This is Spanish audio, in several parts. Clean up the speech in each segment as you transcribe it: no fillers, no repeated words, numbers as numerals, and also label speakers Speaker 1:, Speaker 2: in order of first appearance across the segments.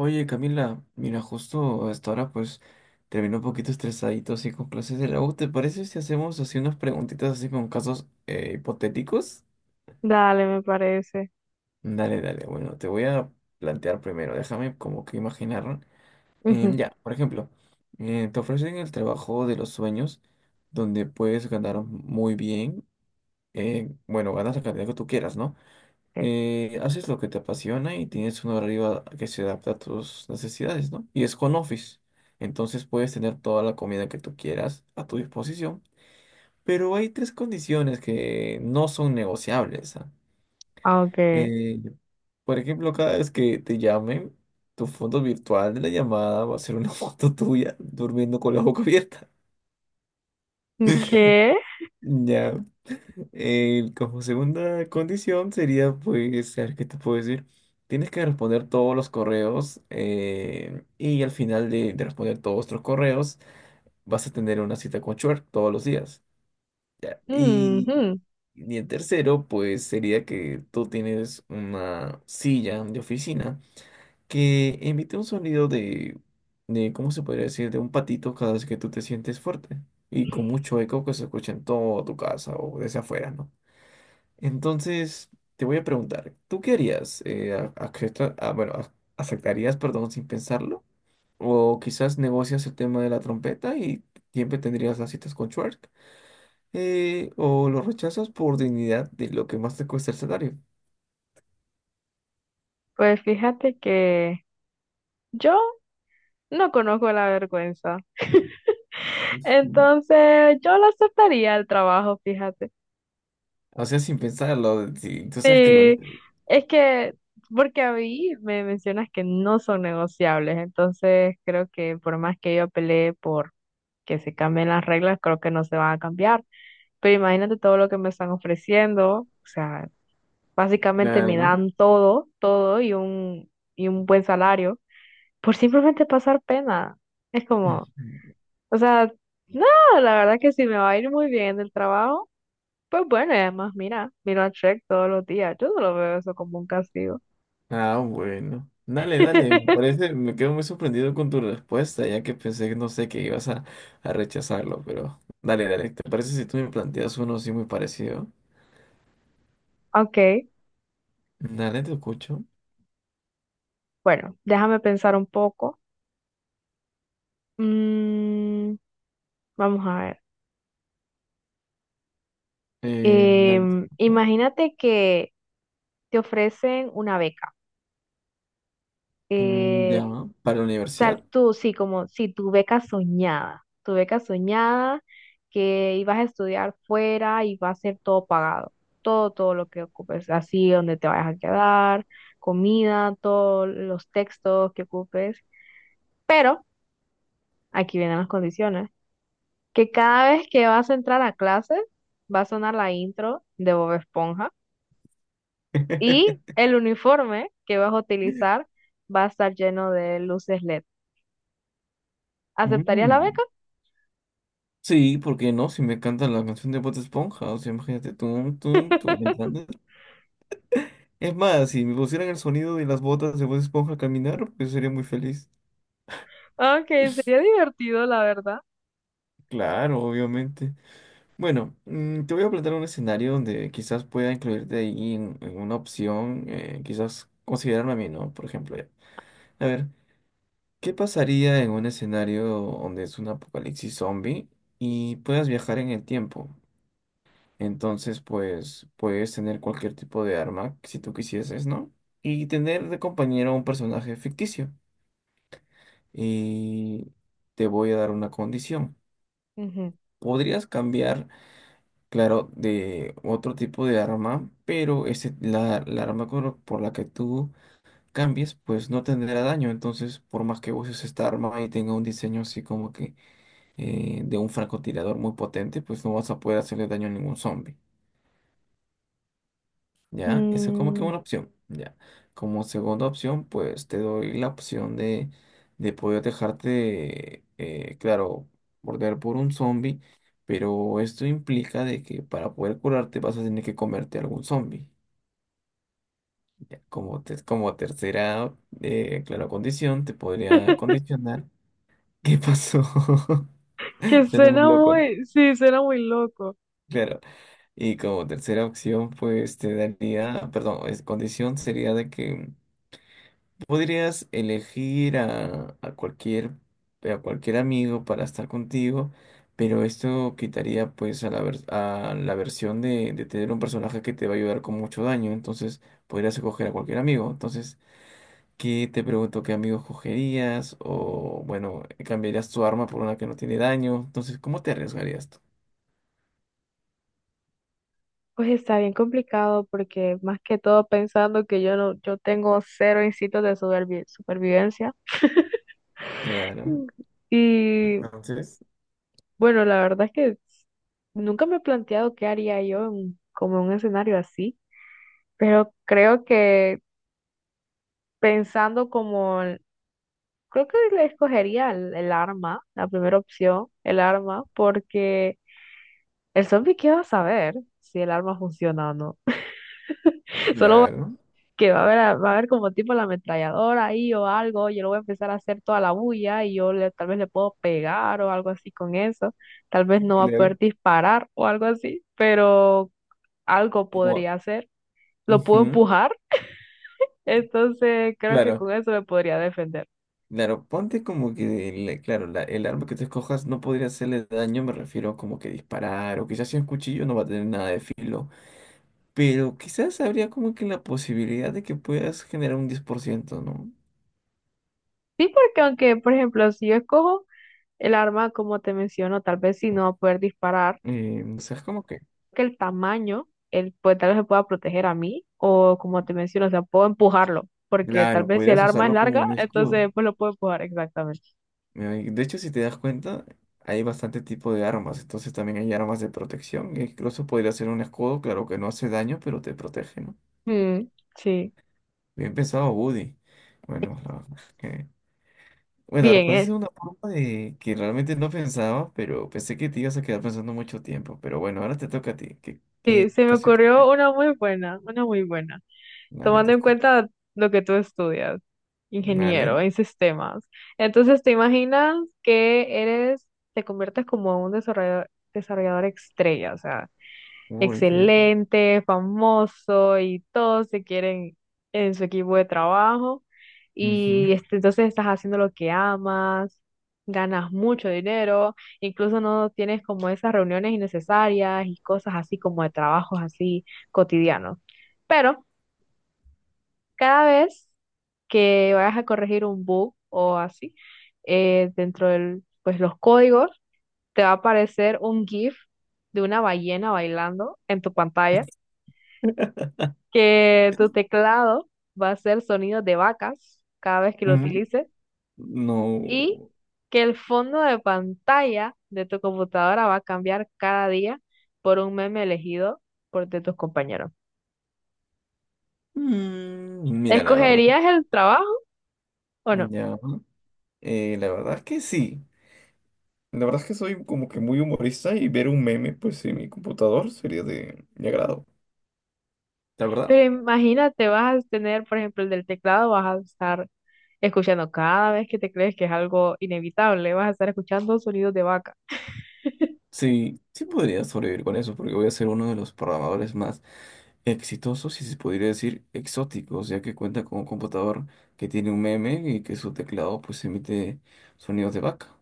Speaker 1: Oye, Camila, mira, justo hasta ahora pues terminó un poquito estresadito así con clases de la U. ¿Te parece si hacemos así unas preguntitas así con casos hipotéticos?
Speaker 2: Dale, me parece.
Speaker 1: Dale, dale, bueno, te voy a plantear primero, déjame como que imaginar.
Speaker 2: Ujú.
Speaker 1: Ya, por ejemplo, te ofrecen el trabajo de los sueños donde puedes ganar muy bien, bueno, ganas la cantidad que tú quieras, ¿no?
Speaker 2: Ok.
Speaker 1: Haces lo que te apasiona y tienes un horario que se adapta a tus necesidades, ¿no? Y es con office. Entonces puedes tener toda la comida que tú quieras a tu disposición. Pero hay tres condiciones que no son negociables, ¿ah?
Speaker 2: Aunque,
Speaker 1: Eh, por ejemplo, cada vez que te llamen, tu foto virtual de la llamada va a ser una foto tuya durmiendo con la boca abierta.
Speaker 2: ¿qué?
Speaker 1: Ya. Como segunda condición sería, pues, a ver, ¿qué te puedo decir? Tienes que responder todos los correos y al final de responder todos tus correos vas a tener una cita con Shrek todos los días. Y,
Speaker 2: Ujú.
Speaker 1: y el tercero, pues, sería que tú tienes una silla de oficina que emite un sonido ¿cómo se podría decir? De un patito cada vez que tú te sientes fuerte y con mucho eco que se escucha en toda tu casa o desde afuera, ¿no? Entonces, te voy a preguntar, ¿tú qué harías? Bueno, ¿aceptarías, perdón, sin pensarlo? ¿O quizás negocias el tema de la trompeta y siempre tendrías las citas con Schwartz? ¿O lo rechazas por dignidad de lo que más te cuesta el salario?
Speaker 2: Pues fíjate que yo no conozco la vergüenza.
Speaker 1: Ujú.
Speaker 2: Entonces, yo lo aceptaría el trabajo, fíjate.
Speaker 1: O sea, sin pensarlo, si tú sabes que lo...
Speaker 2: Sí, es que, porque a mí me mencionas que no son negociables, entonces creo que por más que yo pelee por que se cambien las reglas, creo que no se van a cambiar. Pero imagínate todo lo que me están ofreciendo. O sea, básicamente me
Speaker 1: Claro.
Speaker 2: dan todo, todo y un buen salario por simplemente pasar pena. Es como,
Speaker 1: Ujú.
Speaker 2: o sea, no, la verdad que si me va a ir muy bien en el trabajo, pues bueno. Y además mira, miro a Shrek todos los días. Yo no lo veo eso como un castigo.
Speaker 1: Ah, bueno. Dale, dale. Me parece, me quedo muy sorprendido con tu respuesta, ya que pensé que no sé que ibas a rechazarlo, pero dale, dale. ¿Te parece si tú me planteas uno así muy parecido?
Speaker 2: Ok,
Speaker 1: Dale, te escucho.
Speaker 2: bueno, déjame pensar un poco. Mm, vamos a ver.
Speaker 1: Dale, te escucho.
Speaker 2: Imagínate que te ofrecen una beca.
Speaker 1: Mm,
Speaker 2: Eh,
Speaker 1: ya, para la
Speaker 2: O sea,
Speaker 1: universidad.
Speaker 2: tú sí, como si tu beca soñada, tu beca soñada que ibas a estudiar fuera y va a ser todo pagado, todo, todo lo que ocupes, así donde te vayas a quedar, comida, todos los textos que ocupes. Pero aquí vienen las condiciones, que cada vez que vas a entrar a clases va a sonar la intro de Bob Esponja y el uniforme que vas a utilizar va a estar lleno de luces LED. ¿Aceptarías la
Speaker 1: Mm,
Speaker 2: beca?
Speaker 1: sí, ¿porque no? Si me cantan la canción de Bob Esponja, o sea, imagínate, tú, ¿me entiendes? Es más, si me pusieran el sonido de las botas de Bob Esponja al caminar, pues sería muy feliz.
Speaker 2: Ok, sería divertido, la verdad.
Speaker 1: Claro, obviamente. Bueno, te voy a plantear un escenario donde quizás pueda incluirte ahí en una opción, quizás considerarme a mí, ¿no? Por ejemplo, ya. A ver, ¿qué pasaría en un escenario donde es un apocalipsis zombie y puedas viajar en el tiempo? Entonces, pues, puedes tener cualquier tipo de arma si tú quisieses, ¿no? Y tener de compañero a un personaje ficticio. Y te voy a dar una condición.
Speaker 2: Ujú.
Speaker 1: Podrías cambiar claro, de otro tipo de arma, pero ese, la arma por la que tú cambies, pues no tendrá daño. Entonces, por más que uses esta arma y tenga un diseño así como que de un francotirador muy potente, pues no vas a poder hacerle daño a ningún zombie. ¿Ya? Eso es como que
Speaker 2: Mm.
Speaker 1: una opción, ¿ya? Como segunda opción, pues te doy la opción de poder dejarte, claro, morder por un zombie, pero esto implica de que para poder curarte vas a tener que comerte algún zombie. ¿Ya? Como tercera, claro, condición, te podría condicionar. ¿Qué pasó?
Speaker 2: Que
Speaker 1: Suena muy
Speaker 2: suena
Speaker 1: loco, ¿no?
Speaker 2: muy, sí, suena muy loco.
Speaker 1: Claro. Y como tercera opción, pues te daría, perdón, condición sería de que podrías elegir a cualquier amigo para estar contigo, pero esto quitaría pues a la versión de tener un personaje que te va a ayudar con mucho daño, entonces podrías escoger a cualquier amigo. Entonces, ¿qué te pregunto qué amigo escogerías? O bueno, cambiarías tu arma por una que no tiene daño. Entonces, ¿cómo te arriesgarías tú?
Speaker 2: Pues está bien complicado porque más que todo pensando que yo no, yo tengo cero instintos de supervivencia.
Speaker 1: Claro,
Speaker 2: Mm. Y
Speaker 1: entonces,
Speaker 2: bueno, la verdad es que nunca me he planteado qué haría yo en, como en un escenario así, pero creo que pensando como, el- creo que le escogería el arma, la primera opción, el arma, porque el zombie, ¿qué va a saber si el arma funciona o no? Solo va-
Speaker 1: claro,
Speaker 2: que va a ver, va a ver como tipo la ametralladora ahí o algo. Yo lo voy a empezar a hacer toda la bulla y yo le, tal vez le puedo pegar o algo así con eso. Tal vez no va a poder
Speaker 1: claro.
Speaker 2: disparar o algo así, pero algo
Speaker 1: No.
Speaker 2: podría hacer. Lo puedo
Speaker 1: Ujú.
Speaker 2: empujar, entonces creo que
Speaker 1: Claro.
Speaker 2: con eso me podría defender.
Speaker 1: Claro, ponte como que, claro, el arma que te escojas no podría hacerle daño, me refiero como que disparar, o quizás si es un cuchillo no va a tener nada de filo, pero quizás habría como que la posibilidad de que puedas generar un 10%, ¿no?
Speaker 2: Sí, porque aunque, por ejemplo, si yo escojo el arma, como te menciono, tal vez si no va a poder disparar.
Speaker 1: O sea, es como que,
Speaker 2: Que el tamaño, él, pues tal vez me pueda proteger a mí, o como te menciono, o sea, puedo empujarlo, porque tal
Speaker 1: claro,
Speaker 2: vez si el
Speaker 1: podrías
Speaker 2: arma es
Speaker 1: usarlo como
Speaker 2: larga,
Speaker 1: un escudo.
Speaker 2: entonces pues lo puedo empujar exactamente.
Speaker 1: De hecho, si te das cuenta, hay bastante tipo de armas, entonces también hay armas de protección, e incluso podría ser un escudo, claro que no hace daño, pero te protege, ¿no?
Speaker 2: Mm, sí,
Speaker 1: Bien pensado, Woody. Bueno, Bueno,
Speaker 2: bien,
Speaker 1: respondiste
Speaker 2: ¿eh?
Speaker 1: de una forma de que realmente no pensaba, pero pensé que te ibas a quedar pensando mucho tiempo. Pero bueno, ahora te toca a ti. ¿Qué,
Speaker 2: Sí,
Speaker 1: qué
Speaker 2: se me
Speaker 1: caso
Speaker 2: ocurrió
Speaker 1: hipotético?
Speaker 2: una muy buena,
Speaker 1: Dale, te
Speaker 2: tomando en
Speaker 1: escucho.
Speaker 2: cuenta lo que tú estudias,
Speaker 1: Dale.
Speaker 2: ingeniero en sistemas. Entonces, ¿te imaginas que eres, te conviertes como un desarrollador, desarrollador estrella? O sea,
Speaker 1: Uy, qué horrible.
Speaker 2: excelente, famoso y todos se quieren en su equipo de trabajo
Speaker 1: Ujú.
Speaker 2: y este, entonces estás haciendo lo que amas, ganas mucho dinero, incluso no tienes como esas reuniones innecesarias y cosas así como de trabajos así cotidianos. Pero cada vez que vayas a corregir un bug o así, dentro de pues, los códigos, te va a aparecer un GIF de una ballena bailando en tu pantalla, que tu teclado va a hacer sonidos de vacas cada vez que lo
Speaker 1: Mm,
Speaker 2: utilices y
Speaker 1: no.
Speaker 2: que el fondo de pantalla de tu computadora va a cambiar cada día por un meme elegido por de tus compañeros.
Speaker 1: Mm, mira, la verdad.
Speaker 2: ¿Escogerías el trabajo o no?
Speaker 1: Ya. La verdad es que sí. La verdad es que soy como que muy humorista y ver un meme, pues, en mi computador sería de mi agrado. La verdad.
Speaker 2: Pero imagínate, vas a tener, por ejemplo, el del teclado, vas a estar escuchando cada vez que te crees que es algo inevitable, vas a estar escuchando sonidos de vaca.
Speaker 1: Sí, sí podría sobrevivir con eso, porque voy a ser uno de los programadores más exitosos y se podría decir exóticos, ya que cuenta con un computador que tiene un meme y que su teclado pues emite sonidos de vaca.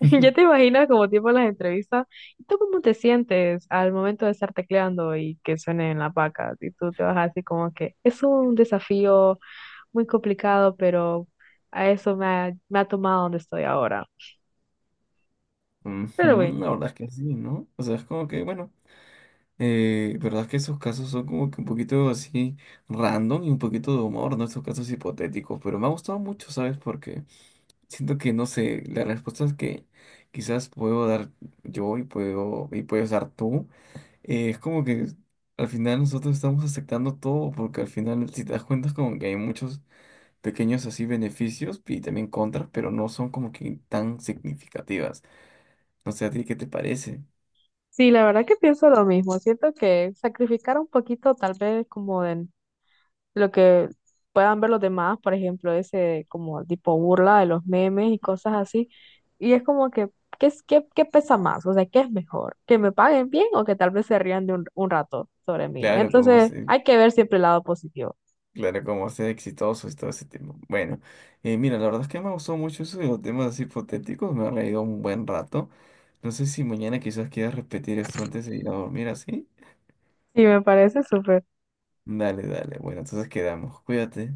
Speaker 2: Ya te imaginas como tipo las entrevistas. ¿Y tú cómo te sientes al momento de estar tecleando y que suene en la paca? Y tú te vas así como que es un desafío muy complicado, pero a eso me ha tomado donde estoy ahora. Pero bueno,
Speaker 1: Ujú, la verdad es que sí, ¿no? O sea, es como que, bueno, verdad es que esos casos son como que un poquito así random y un poquito de humor, ¿no? Estos casos hipotéticos, pero me ha gustado mucho, ¿sabes? Porque siento que, no sé, las respuestas que quizás puedo dar yo y puedo y puedes dar tú. Es como que al final nosotros estamos aceptando todo, porque al final, si te das cuenta, es como que hay muchos pequeños así beneficios y también contras, pero no son como que tan significativas. No sé, ¿a ti qué te parece?
Speaker 2: sí, la verdad que pienso lo mismo. Siento que sacrificar un poquito tal vez como de lo que puedan ver los demás, por ejemplo, ese como tipo burla de los memes y cosas así. Y es como que, ¿qué, qué, qué pesa más? O sea, ¿qué es mejor? ¿Que me paguen bien o que tal vez se rían de un rato sobre mí?
Speaker 1: Claro, como
Speaker 2: Entonces,
Speaker 1: ser,
Speaker 2: hay que ver siempre el lado positivo.
Speaker 1: claro, como ser exitoso y todo ese tema. Bueno, mira, la verdad es que me gustó mucho eso de los temas así hipotéticos, me ha reído un buen rato. No sé si mañana quizás quieras repetir esto antes de ir a dormir así.
Speaker 2: Sí, me parece súper.
Speaker 1: Dale, dale. Bueno, entonces quedamos. Cuídate.